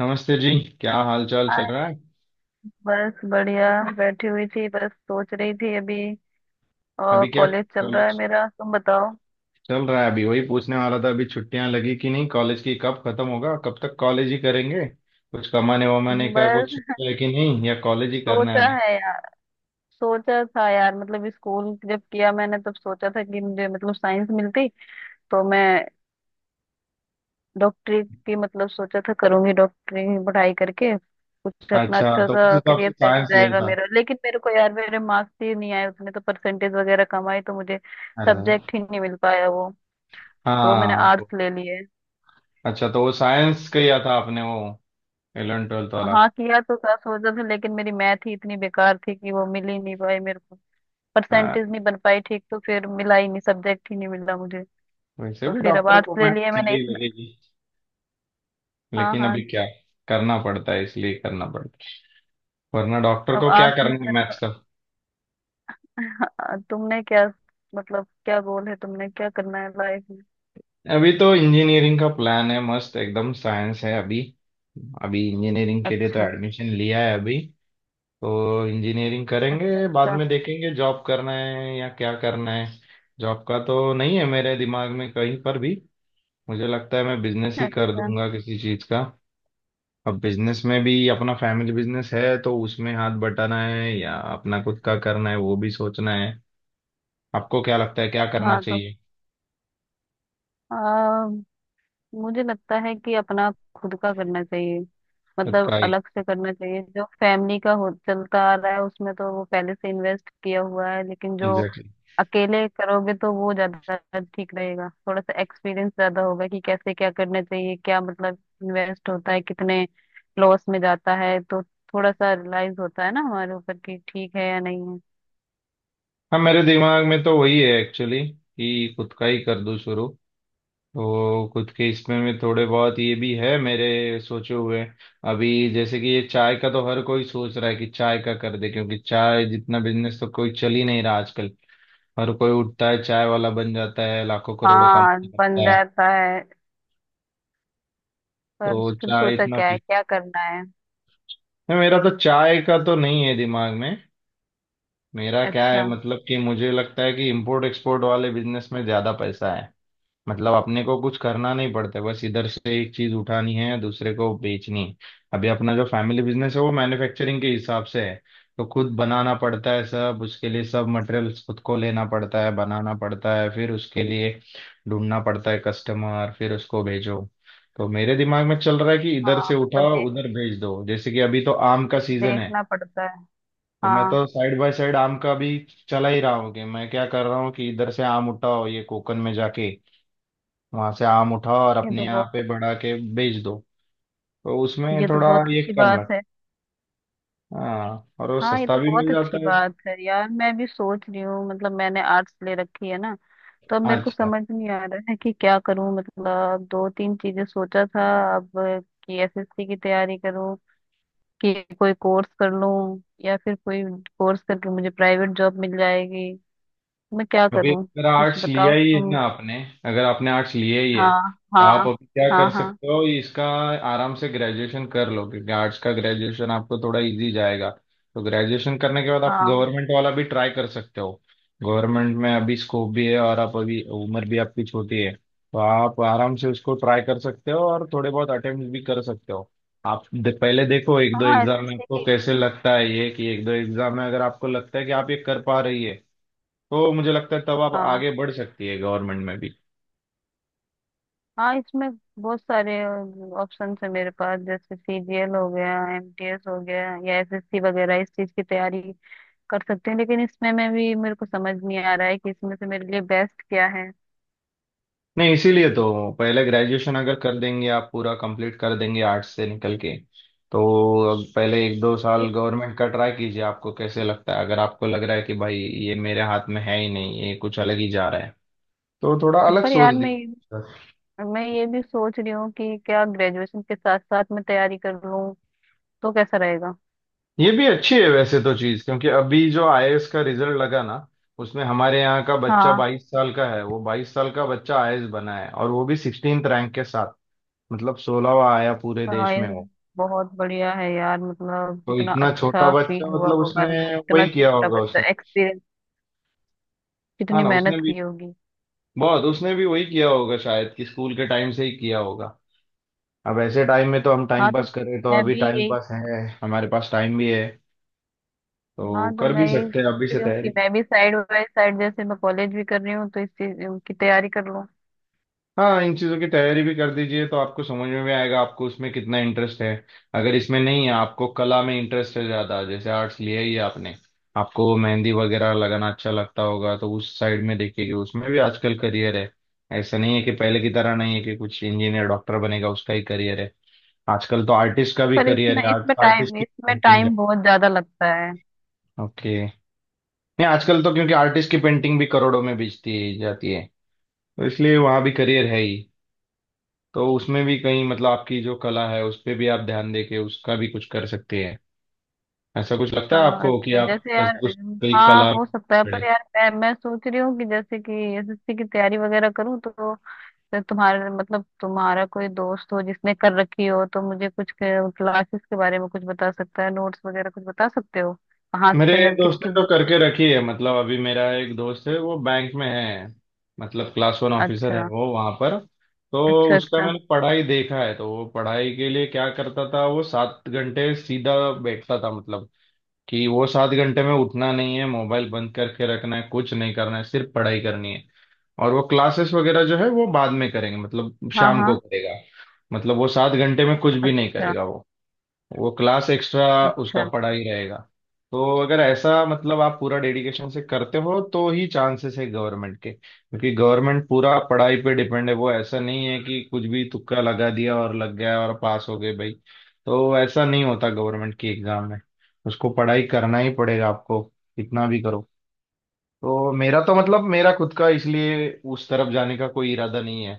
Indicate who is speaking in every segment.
Speaker 1: नमस्ते जी। क्या हाल चाल चल
Speaker 2: हाय,
Speaker 1: रहा है।
Speaker 2: बस बढ़िया बैठी हुई थी। बस सोच रही थी अभी। और
Speaker 1: अभी क्या
Speaker 2: कॉलेज चल रहा है
Speaker 1: कॉलेज
Speaker 2: मेरा। तुम बताओ।
Speaker 1: चल रहा है। अभी वही पूछने वाला था, अभी छुट्टियां लगी कि नहीं, कॉलेज की कब खत्म होगा, कब तक कॉलेज ही करेंगे, कुछ कमाने वमाने का कुछ
Speaker 2: बस
Speaker 1: सोचा है कि नहीं, या कॉलेज ही करना है
Speaker 2: सोचा
Speaker 1: अभी।
Speaker 2: है यार। सोचा था यार, मतलब स्कूल जब किया मैंने तब सोचा था कि मुझे मतलब साइंस मिलती तो मैं डॉक्टरी की, मतलब सोचा था करूंगी डॉक्टरी की पढ़ाई करके कुछ अपना
Speaker 1: अच्छा,
Speaker 2: अच्छा
Speaker 1: तो उस
Speaker 2: सा
Speaker 1: हिसाब से
Speaker 2: करियर सेट हो
Speaker 1: साइंस लिया
Speaker 2: जाएगा
Speaker 1: था।
Speaker 2: मेरा। लेकिन मेरे को यार, मेरे मार्क्स ही नहीं आए उसमें, तो परसेंटेज वगैरह कम आई तो मुझे
Speaker 1: अरे वाह।
Speaker 2: सब्जेक्ट ही नहीं मिल पाया वो। तो मैंने
Speaker 1: हाँ वो-
Speaker 2: आर्ट्स ले लिए।
Speaker 1: अच्छा, तो वो साइंस किया था आपने, वो 11th 12th वाला।
Speaker 2: हाँ किया तो था, सोचा था, लेकिन मेरी मैथ ही इतनी बेकार थी कि वो मिल ही नहीं पाई मेरे को।
Speaker 1: हाँ,
Speaker 2: परसेंटेज नहीं बन पाई ठीक, तो फिर मिला ही नहीं, सब्जेक्ट ही नहीं मिला मुझे।
Speaker 1: वैसे
Speaker 2: तो
Speaker 1: भी
Speaker 2: फिर अब
Speaker 1: डॉक्टर को
Speaker 2: आर्ट्स ले
Speaker 1: मैथ
Speaker 2: लिया
Speaker 1: क्या
Speaker 2: मैंने
Speaker 1: ही
Speaker 2: इसमें।
Speaker 1: लगेगी।
Speaker 2: हाँ
Speaker 1: लेकिन अभी
Speaker 2: हाँ।
Speaker 1: क्या करना पड़ता है, इसलिए करना पड़ता है, वरना डॉक्टर
Speaker 2: अब
Speaker 1: को क्या
Speaker 2: आर्ट्स में
Speaker 1: करना है
Speaker 2: मेरे
Speaker 1: मैथ्स का।
Speaker 2: को तुमने क्या मतलब, क्या गोल है, तुमने क्या करना है लाइफ में?
Speaker 1: अभी तो इंजीनियरिंग का प्लान है, मस्त एकदम साइंस है अभी। अभी इंजीनियरिंग के लिए तो
Speaker 2: अच्छा।
Speaker 1: एडमिशन लिया है अभी। तो इंजीनियरिंग करेंगे,
Speaker 2: अच्छा।
Speaker 1: बाद
Speaker 2: अच्छा।
Speaker 1: में देखेंगे जॉब करना है या क्या करना है। जॉब का तो नहीं है मेरे दिमाग में कहीं पर भी। मुझे लगता है मैं बिजनेस ही कर
Speaker 2: अच्छा।
Speaker 1: दूंगा किसी चीज का। अब बिजनेस में भी, अपना फैमिली बिजनेस है तो उसमें हाथ बटाना है या अपना खुद का करना है, वो भी सोचना है। आपको क्या लगता है क्या करना
Speaker 2: हाँ
Speaker 1: चाहिए।
Speaker 2: तो मुझे लगता है कि अपना खुद का करना चाहिए।
Speaker 1: खुद
Speaker 2: मतलब
Speaker 1: का
Speaker 2: अलग से करना चाहिए। जो फैमिली का हो चलता आ रहा है उसमें तो वो पहले से इन्वेस्ट किया हुआ है, लेकिन जो
Speaker 1: एग्जैक्टली।
Speaker 2: अकेले करोगे तो वो ज्यादा ठीक रहेगा। थोड़ा सा एक्सपीरियंस ज्यादा होगा कि कैसे क्या करना चाहिए, क्या मतलब इन्वेस्ट होता है, कितने लॉस में जाता है, तो थोड़ा सा रियलाइज होता है ना हमारे ऊपर कि ठीक है या नहीं है।
Speaker 1: हाँ, मेरे दिमाग में तो वही है एक्चुअली, कि खुद का ही कर दूं शुरू। तो खुद के इसमें में थोड़े बहुत ये भी है मेरे सोचे हुए। अभी जैसे कि ये चाय का तो हर कोई सोच रहा है कि चाय का कर दे, क्योंकि चाय जितना बिजनेस तो कोई चल ही नहीं रहा आजकल। हर कोई उठता है चाय वाला बन जाता है, लाखों करोड़ों
Speaker 2: हाँ
Speaker 1: कमाने लगता
Speaker 2: बन
Speaker 1: है।
Speaker 2: जाता है। पर
Speaker 1: तो
Speaker 2: फिर
Speaker 1: चाय
Speaker 2: सोचा
Speaker 1: इतना
Speaker 2: क्या
Speaker 1: पी।
Speaker 2: है, क्या करना है?
Speaker 1: नहीं, मेरा तो चाय का तो नहीं है दिमाग में। मेरा क्या है
Speaker 2: अच्छा।
Speaker 1: मतलब कि मुझे लगता है कि इम्पोर्ट एक्सपोर्ट वाले बिजनेस में ज्यादा पैसा है। मतलब अपने को कुछ करना नहीं पड़ता, बस इधर से एक चीज उठानी है दूसरे को बेचनी है। अभी अपना जो फैमिली बिजनेस है वो मैन्युफैक्चरिंग के हिसाब से है। तो खुद बनाना पड़ता है सब, उसके लिए सब मटेरियल्स खुद को लेना पड़ता है, बनाना पड़ता है, फिर उसके लिए ढूंढना पड़ता है कस्टमर, फिर उसको भेजो। तो मेरे दिमाग में चल रहा है कि इधर
Speaker 2: हाँ
Speaker 1: से
Speaker 2: मतलब
Speaker 1: उठाओ उधर भेज दो, जैसे कि अभी तो आम का सीजन है।
Speaker 2: देखना पड़ता है।
Speaker 1: तो मैं
Speaker 2: हाँ,
Speaker 1: तो साइड बाय साइड आम का भी चला ही रहा हूँ। कि मैं क्या कर रहा हूँ कि इधर से आम उठाओ, ये कोकन में जाके वहां से आम उठाओ और
Speaker 2: ये
Speaker 1: अपने
Speaker 2: तो
Speaker 1: यहाँ
Speaker 2: बहुत
Speaker 1: पे बढ़ा के बेच दो। तो उसमें
Speaker 2: ये तो
Speaker 1: थोड़ा
Speaker 2: बहुत
Speaker 1: ये
Speaker 2: अच्छी
Speaker 1: कम
Speaker 2: बात
Speaker 1: लगता
Speaker 2: है।
Speaker 1: है। हाँ, और वो
Speaker 2: हाँ ये
Speaker 1: सस्ता
Speaker 2: तो
Speaker 1: भी मिल
Speaker 2: बहुत अच्छी
Speaker 1: जाता है।
Speaker 2: बात है यार। मैं भी सोच रही हूँ, मतलब मैंने आर्ट्स ले रखी है ना, तो अब मेरे को
Speaker 1: अच्छा।
Speaker 2: समझ नहीं आ रहा है कि क्या करूँ। मतलब दो तीन चीजें सोचा था अब, कि एसएससी की तैयारी करूँ, कि कोई कोर्स कर लूँ, या फिर कोई कोर्स करके मुझे प्राइवेट जॉब मिल जाएगी। मैं क्या
Speaker 1: अभी
Speaker 2: करूँ?
Speaker 1: अगर
Speaker 2: कुछ
Speaker 1: आर्ट्स लिया
Speaker 2: बताओ
Speaker 1: ही है
Speaker 2: तुम।
Speaker 1: ना आपने, अगर आपने आर्ट्स लिया ही है
Speaker 2: हाँ।
Speaker 1: तो आप
Speaker 2: हाँ।
Speaker 1: अभी क्या कर
Speaker 2: हाँ। हाँ।
Speaker 1: सकते हो इसका। आराम से ग्रेजुएशन कर लो, क्योंकि आर्ट्स का ग्रेजुएशन आपको थोड़ा इजी जाएगा। तो ग्रेजुएशन करने के बाद आप
Speaker 2: हाँ।
Speaker 1: गवर्नमेंट वाला भी ट्राई कर सकते हो। गवर्नमेंट में अभी स्कोप भी है, और आप अभी उम्र भी आपकी छोटी है, तो आप आराम से उसको ट्राई कर सकते हो और थोड़े बहुत अटेम्प्ट भी कर सकते हो। पहले देखो एक दो
Speaker 2: हाँ।
Speaker 1: एग्जाम में
Speaker 2: एसएससी
Speaker 1: आपको
Speaker 2: की।
Speaker 1: कैसे लगता है, ये कि एक दो एग्जाम में अगर आपको लगता है कि आप ये कर पा रही है, तो मुझे लगता है तब आप
Speaker 2: हाँ
Speaker 1: आगे बढ़ सकती है गवर्नमेंट में भी।
Speaker 2: हाँ। इसमें बहुत सारे ऑप्शन है मेरे पास, जैसे सीजीएल हो गया, एमटीएस हो गया, या एसएससी वगैरह, इस चीज की तैयारी कर सकते हैं। लेकिन इसमें में भी मेरे को समझ नहीं आ रहा है कि इसमें से मेरे लिए बेस्ट क्या है।
Speaker 1: नहीं, इसीलिए तो पहले ग्रेजुएशन अगर कर देंगे, आप पूरा कंप्लीट कर देंगे आर्ट्स से निकल के, तो अब पहले एक दो साल गवर्नमेंट का ट्राई कीजिए, आपको कैसे लगता है। अगर आपको लग रहा है कि भाई ये मेरे हाथ में है ही नहीं, ये कुछ अलग ही जा रहा है, तो थोड़ा अलग
Speaker 2: पर यार
Speaker 1: सोच
Speaker 2: मैं,
Speaker 1: दीजिए।
Speaker 2: ये भी सोच रही हूँ कि क्या ग्रेजुएशन के साथ साथ मैं तैयारी कर लूँ, तो कैसा रहेगा?
Speaker 1: ये भी अच्छी है वैसे तो चीज, क्योंकि अभी जो आईएएस का रिजल्ट लगा ना, उसमें हमारे यहाँ का बच्चा
Speaker 2: हाँ
Speaker 1: 22 साल का है। वो बाईस साल का बच्चा आईएएस बना है, और वो भी 16th रैंक के साथ। मतलब 16वां आया पूरे
Speaker 2: हाँ,
Speaker 1: देश
Speaker 2: ये
Speaker 1: में हो।
Speaker 2: बहुत बढ़िया है यार। मतलब
Speaker 1: तो
Speaker 2: कितना
Speaker 1: इतना छोटा
Speaker 2: अच्छा
Speaker 1: बच्चा
Speaker 2: फील हुआ
Speaker 1: मतलब
Speaker 2: होगा
Speaker 1: उसने
Speaker 2: ना, इतना
Speaker 1: वही किया
Speaker 2: छोटा
Speaker 1: होगा
Speaker 2: बच्चा
Speaker 1: उसने।
Speaker 2: एक्सपीरियंस।
Speaker 1: हाँ
Speaker 2: कितनी
Speaker 1: ना, उसने
Speaker 2: मेहनत
Speaker 1: भी
Speaker 2: की होगी।
Speaker 1: बहुत, उसने भी वही किया होगा शायद, कि स्कूल के टाइम से ही किया होगा। अब ऐसे टाइम में तो हम
Speaker 2: हाँ
Speaker 1: टाइम
Speaker 2: तो
Speaker 1: पास करें, तो
Speaker 2: मैं
Speaker 1: अभी
Speaker 2: भी
Speaker 1: टाइम
Speaker 2: यही।
Speaker 1: पास है, हमारे पास टाइम भी है, तो
Speaker 2: हाँ तो
Speaker 1: कर
Speaker 2: मैं
Speaker 1: भी
Speaker 2: यही
Speaker 1: सकते हैं
Speaker 2: सोच
Speaker 1: अभी से
Speaker 2: रही हूँ कि
Speaker 1: तैयारी।
Speaker 2: मैं भी साइड बाय साइड, जैसे मैं कॉलेज भी कर रही हूँ, तो इस चीज की तैयारी कर लूँ।
Speaker 1: हाँ, इन चीज़ों की तैयारी भी कर दीजिए, तो आपको समझ में भी आएगा आपको उसमें कितना इंटरेस्ट है। अगर इसमें नहीं है, आपको कला में इंटरेस्ट है ज़्यादा, जैसे आर्ट्स लिया ही है आपने, आपको मेहंदी वगैरह लगाना अच्छा लगता होगा, तो उस साइड में देखिए कि उसमें भी आजकल करियर है। ऐसा नहीं है कि पहले की तरह नहीं है कि कुछ इंजीनियर डॉक्टर बनेगा उसका ही करियर है। आजकल तो आर्टिस्ट का भी
Speaker 2: पर
Speaker 1: करियर
Speaker 2: इसमें,
Speaker 1: है, आर्ट आर्टिस्ट की
Speaker 2: इसमें
Speaker 1: पेंटिंग।
Speaker 2: टाइम बहुत ज्यादा लगता है।
Speaker 1: ओके। नहीं, आजकल तो क्योंकि आर्टिस्ट की पेंटिंग भी करोड़ों में बेचती जाती है, तो इसलिए वहाँ भी करियर है ही। तो उसमें भी कहीं मतलब आपकी जो कला है उस पे भी आप ध्यान दे के उसका भी कुछ कर सकते हैं। ऐसा कुछ लगता है
Speaker 2: हाँ,
Speaker 1: आपको कि
Speaker 2: अच्छा
Speaker 1: आप
Speaker 2: जैसे यार
Speaker 1: ऐसे कुछ कोई
Speaker 2: हाँ
Speaker 1: कला
Speaker 2: हो सकता है।
Speaker 1: छोड़े।
Speaker 2: पर यार मैं, सोच रही हूँ कि जैसे कि एसएससी की तैयारी वगैरह करूँ, तो तुम्हारे मतलब तुम्हारा कोई दोस्त हो जिसने कर रखी हो, तो मुझे कुछ क्लासेस के बारे में कुछ बता सकता है, नोट्स वगैरह कुछ बता सकते हो कहाँ
Speaker 1: मेरे
Speaker 2: से मैं
Speaker 1: दोस्त
Speaker 2: किसकी
Speaker 1: ने तो
Speaker 2: बुक्स।
Speaker 1: करके रखी है, मतलब अभी मेरा एक दोस्त है वो बैंक में है, मतलब क्लास वन ऑफिसर है
Speaker 2: अच्छा।
Speaker 1: वो वहाँ पर। तो
Speaker 2: अच्छा।
Speaker 1: उसका
Speaker 2: अच्छा।
Speaker 1: मैंने पढ़ाई देखा है, तो वो पढ़ाई के लिए क्या करता था, वो 7 घंटे सीधा बैठता था। मतलब कि वो 7 घंटे में उठना नहीं है, मोबाइल बंद करके रखना है, कुछ नहीं करना है, सिर्फ पढ़ाई करनी है। और वो क्लासेस वगैरह जो है वो बाद में करेंगे, मतलब
Speaker 2: हाँ
Speaker 1: शाम को
Speaker 2: हाँ।
Speaker 1: करेगा। मतलब वो 7 घंटे में कुछ भी नहीं
Speaker 2: अच्छा।
Speaker 1: करेगा वो क्लास एक्स्ट्रा उसका
Speaker 2: अच्छा।
Speaker 1: पढ़ाई रहेगा। तो अगर ऐसा मतलब आप पूरा डेडिकेशन से करते हो तो ही चांसेस है गवर्नमेंट के, क्योंकि गवर्नमेंट पूरा पढ़ाई पे डिपेंड है। वो ऐसा नहीं है कि कुछ भी तुक्का लगा दिया और लग गया और पास हो गए भाई। तो ऐसा नहीं होता गवर्नमेंट की एग्जाम में। उसको पढ़ाई करना ही पड़ेगा आपको, कितना भी करो। तो मेरा तो मतलब मेरा खुद का इसलिए उस तरफ जाने का कोई इरादा नहीं है,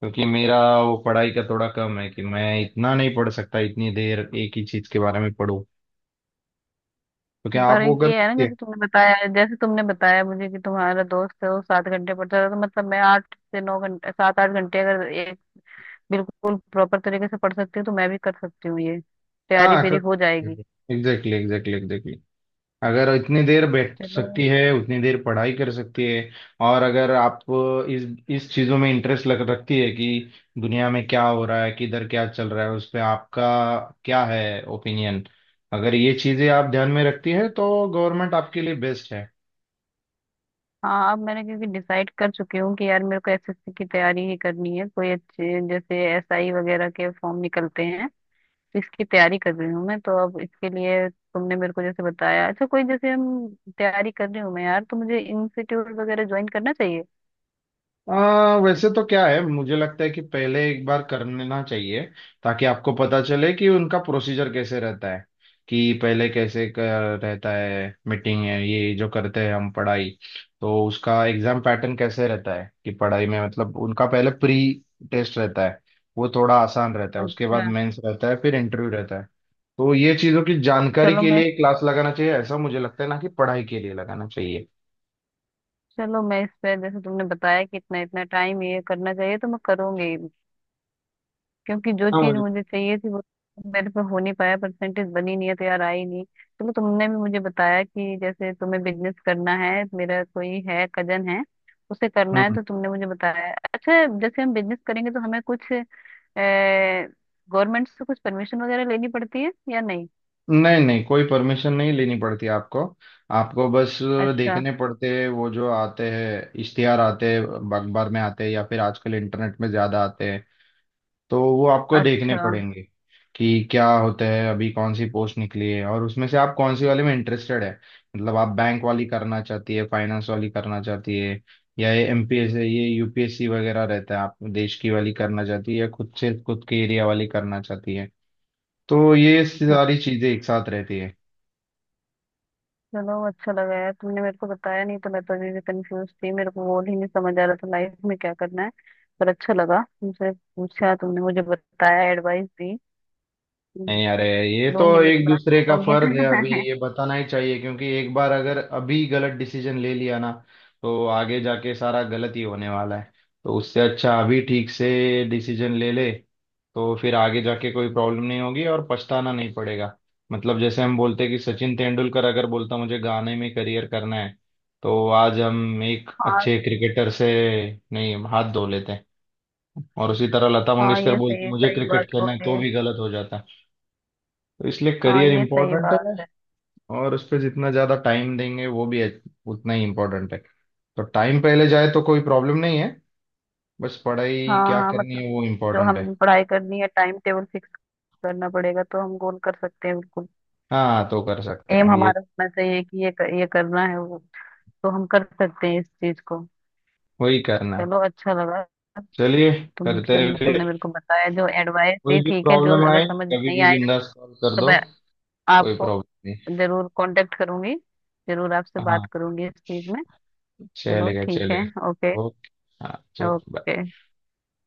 Speaker 1: क्योंकि मेरा वो पढ़ाई का थोड़ा कम है कि मैं इतना नहीं पढ़ सकता, इतनी देर एक ही चीज के बारे में पढ़ूं। तो क्या आप
Speaker 2: पर
Speaker 1: वो कर
Speaker 2: ये है ना,
Speaker 1: सकते हैं।
Speaker 2: जैसे तुमने बताया मुझे कि तुम्हारा दोस्त है वो सात घंटे पढ़ता है, तो मतलब मैं आठ से नौ घंटे, सात आठ घंटे अगर एक बिल्कुल प्रॉपर तरीके से पढ़ सकती हूँ, तो मैं भी कर सकती हूँ ये। तैयारी
Speaker 1: हाँ,
Speaker 2: मेरी
Speaker 1: कर
Speaker 2: हो
Speaker 1: सकते
Speaker 2: जाएगी।
Speaker 1: हैं। Exactly, exactly, exactly. अगर इतनी देर बैठ
Speaker 2: चलो।
Speaker 1: सकती है उतनी देर पढ़ाई कर सकती है। और अगर आप इस इस चीज़ों में इंटरेस्ट लग रखती है कि दुनिया में क्या हो रहा है, किधर क्या चल रहा है, उस पे आपका क्या है ओपिनियन, अगर ये चीज़ें आप ध्यान में रखती है तो गवर्नमेंट आपके लिए बेस्ट है।
Speaker 2: हाँ अब मैंने क्योंकि डिसाइड कर चुकी हूँ कि यार मेरे को एसएससी की तैयारी ही करनी है। कोई अच्छे जैसे एसआई वगैरह के फॉर्म निकलते हैं, इसकी तैयारी कर रही हूँ मैं। तो अब इसके लिए तुमने मेरे को जैसे बताया, अच्छा कोई जैसे हम तैयारी कर रही हूँ मैं यार, तो मुझे इंस्टीट्यूट वगैरह ज्वाइन करना चाहिए।
Speaker 1: वैसे तो क्या है, मुझे लगता है कि पहले एक बार कर लेना चाहिए, ताकि आपको पता चले कि उनका प्रोसीजर कैसे रहता है, कि पहले कैसे कर रहता है। मीटिंग है ये जो करते हैं हम पढ़ाई। तो उसका एग्जाम पैटर्न कैसे रहता है, कि पढ़ाई में मतलब उनका पहले प्री टेस्ट रहता है, वो थोड़ा आसान रहता है, उसके बाद
Speaker 2: अच्छा।
Speaker 1: मेंस रहता है, फिर इंटरव्यू रहता है। तो ये चीज़ों की जानकारी
Speaker 2: चलो
Speaker 1: के
Speaker 2: मैं
Speaker 1: लिए क्लास लगाना चाहिए ऐसा मुझे लगता है, ना कि पढ़ाई के लिए लगाना चाहिए।
Speaker 2: चलो मैं इस पे जैसे तुमने बताया कि इतना इतना टाइम ये करना चाहिए, तो मैं करूंगी। क्योंकि जो चीज
Speaker 1: हाँ
Speaker 2: मुझे चाहिए थी वो मेरे पे हो नहीं पाया, परसेंटेज बनी नहीं है, तो यार आई नहीं। चलो, तुमने भी मुझे बताया कि जैसे तुम्हें बिजनेस करना है, मेरा कोई है कजन है, उसे करना है,
Speaker 1: भाई।
Speaker 2: तो तुमने मुझे बताया अच्छा, जैसे हम बिजनेस करेंगे तो हमें कुछ गवर्नमेंट से कुछ परमिशन वगैरह लेनी पड़ती है या नहीं?
Speaker 1: नहीं नहीं, कोई परमिशन नहीं लेनी पड़ती आपको। आपको बस
Speaker 2: अच्छा।
Speaker 1: देखने पड़ते हैं वो, जो आते हैं इश्तिहार आते हैं, अखबार में आते हैं या फिर आजकल इंटरनेट में ज्यादा आते हैं, तो वो आपको देखने
Speaker 2: अच्छा।
Speaker 1: पड़ेंगे कि क्या होता है। अभी कौन सी पोस्ट निकली है, और उसमें से आप कौन सी वाले में इंटरेस्टेड है। मतलब आप बैंक वाली करना चाहती है, फाइनेंस वाली करना चाहती है, या ये एमपीएस, ये यूपीएससी वगैरह रहता है, आप देश की वाली करना चाहती है, या खुद से खुद के एरिया वाली करना चाहती है। तो ये सारी
Speaker 2: अच्छा।
Speaker 1: चीजें एक साथ रहती है।
Speaker 2: चलो अच्छा लगा यार तुमने मेरे को बताया। नहीं तो मैं तो अभी भी कंफ्यूज थी, मेरे को गोल ही नहीं समझ आ रहा था लाइफ में क्या करना है। पर अच्छा लगा, तुमसे पूछा, तुमने मुझे बताया, एडवाइस दी। हम्म।
Speaker 1: नहीं अरे, ये तो
Speaker 2: लूंगी, मैं
Speaker 1: एक
Speaker 2: क्लास में
Speaker 1: दूसरे का
Speaker 2: लूंगी
Speaker 1: फर्ज है, अभी ये बताना ही चाहिए, क्योंकि एक बार अगर अभी गलत डिसीजन ले लिया ना, तो आगे जाके सारा गलत ही होने वाला है। तो उससे अच्छा अभी ठीक से डिसीजन ले ले, तो फिर आगे जाके कोई प्रॉब्लम नहीं होगी और पछताना नहीं पड़ेगा। मतलब जैसे हम बोलते हैं कि सचिन तेंदुलकर अगर बोलता मुझे गाने में करियर करना है, तो आज हम एक
Speaker 2: हाँ
Speaker 1: अच्छे क्रिकेटर से नहीं हाथ धो लेते हैं। और उसी तरह लता
Speaker 2: हाँ,
Speaker 1: मंगेशकर
Speaker 2: ये
Speaker 1: बोलती
Speaker 2: सही
Speaker 1: मुझे
Speaker 2: सही
Speaker 1: क्रिकेट
Speaker 2: बात
Speaker 1: खेलना है, तो
Speaker 2: बोले।
Speaker 1: भी गलत हो जाता है। तो इसलिए
Speaker 2: हाँ
Speaker 1: करियर
Speaker 2: ये सही
Speaker 1: इम्पोर्टेंट
Speaker 2: बात
Speaker 1: है,
Speaker 2: है।
Speaker 1: और उस पर जितना ज़्यादा टाइम देंगे वो भी उतना ही इम्पोर्टेंट है। तो टाइम पहले जाए तो कोई प्रॉब्लम नहीं है, बस पढ़ाई
Speaker 2: हाँ
Speaker 1: क्या
Speaker 2: हाँ,
Speaker 1: करनी
Speaker 2: मतलब
Speaker 1: है वो
Speaker 2: जो
Speaker 1: इम्पोर्टेंट है।
Speaker 2: हम पढ़ाई करनी है, टाइम टेबल फिक्स करना पड़ेगा तो हम गोल कर सकते हैं बिल्कुल।
Speaker 1: हाँ, तो कर सकते
Speaker 2: एम
Speaker 1: हैं ये।
Speaker 2: हमारा होना चाहिए कि ये, करना है वो, तो हम कर सकते हैं इस चीज को।
Speaker 1: वही करना है।
Speaker 2: चलो अच्छा लगा।
Speaker 1: चलिए, करते हैं फिर।
Speaker 2: तुमने मेरे को बताया जो एडवाइस दी
Speaker 1: कोई भी
Speaker 2: ठीक है। जो
Speaker 1: प्रॉब्लम
Speaker 2: अगर
Speaker 1: आए
Speaker 2: समझ में
Speaker 1: कभी
Speaker 2: नहीं
Speaker 1: भी
Speaker 2: आएगा
Speaker 1: बिंदास कॉल कर
Speaker 2: तो
Speaker 1: दो,
Speaker 2: मैं
Speaker 1: कोई
Speaker 2: आपको
Speaker 1: प्रॉब्लम नहीं।
Speaker 2: जरूर कांटेक्ट करूंगी, जरूर आपसे बात
Speaker 1: हाँ,
Speaker 2: करूंगी इस चीज में। चलो
Speaker 1: चलेगा
Speaker 2: ठीक है।
Speaker 1: चलेगा,
Speaker 2: ओके।
Speaker 1: ओके। हाँ चलो, bye।
Speaker 2: ओके।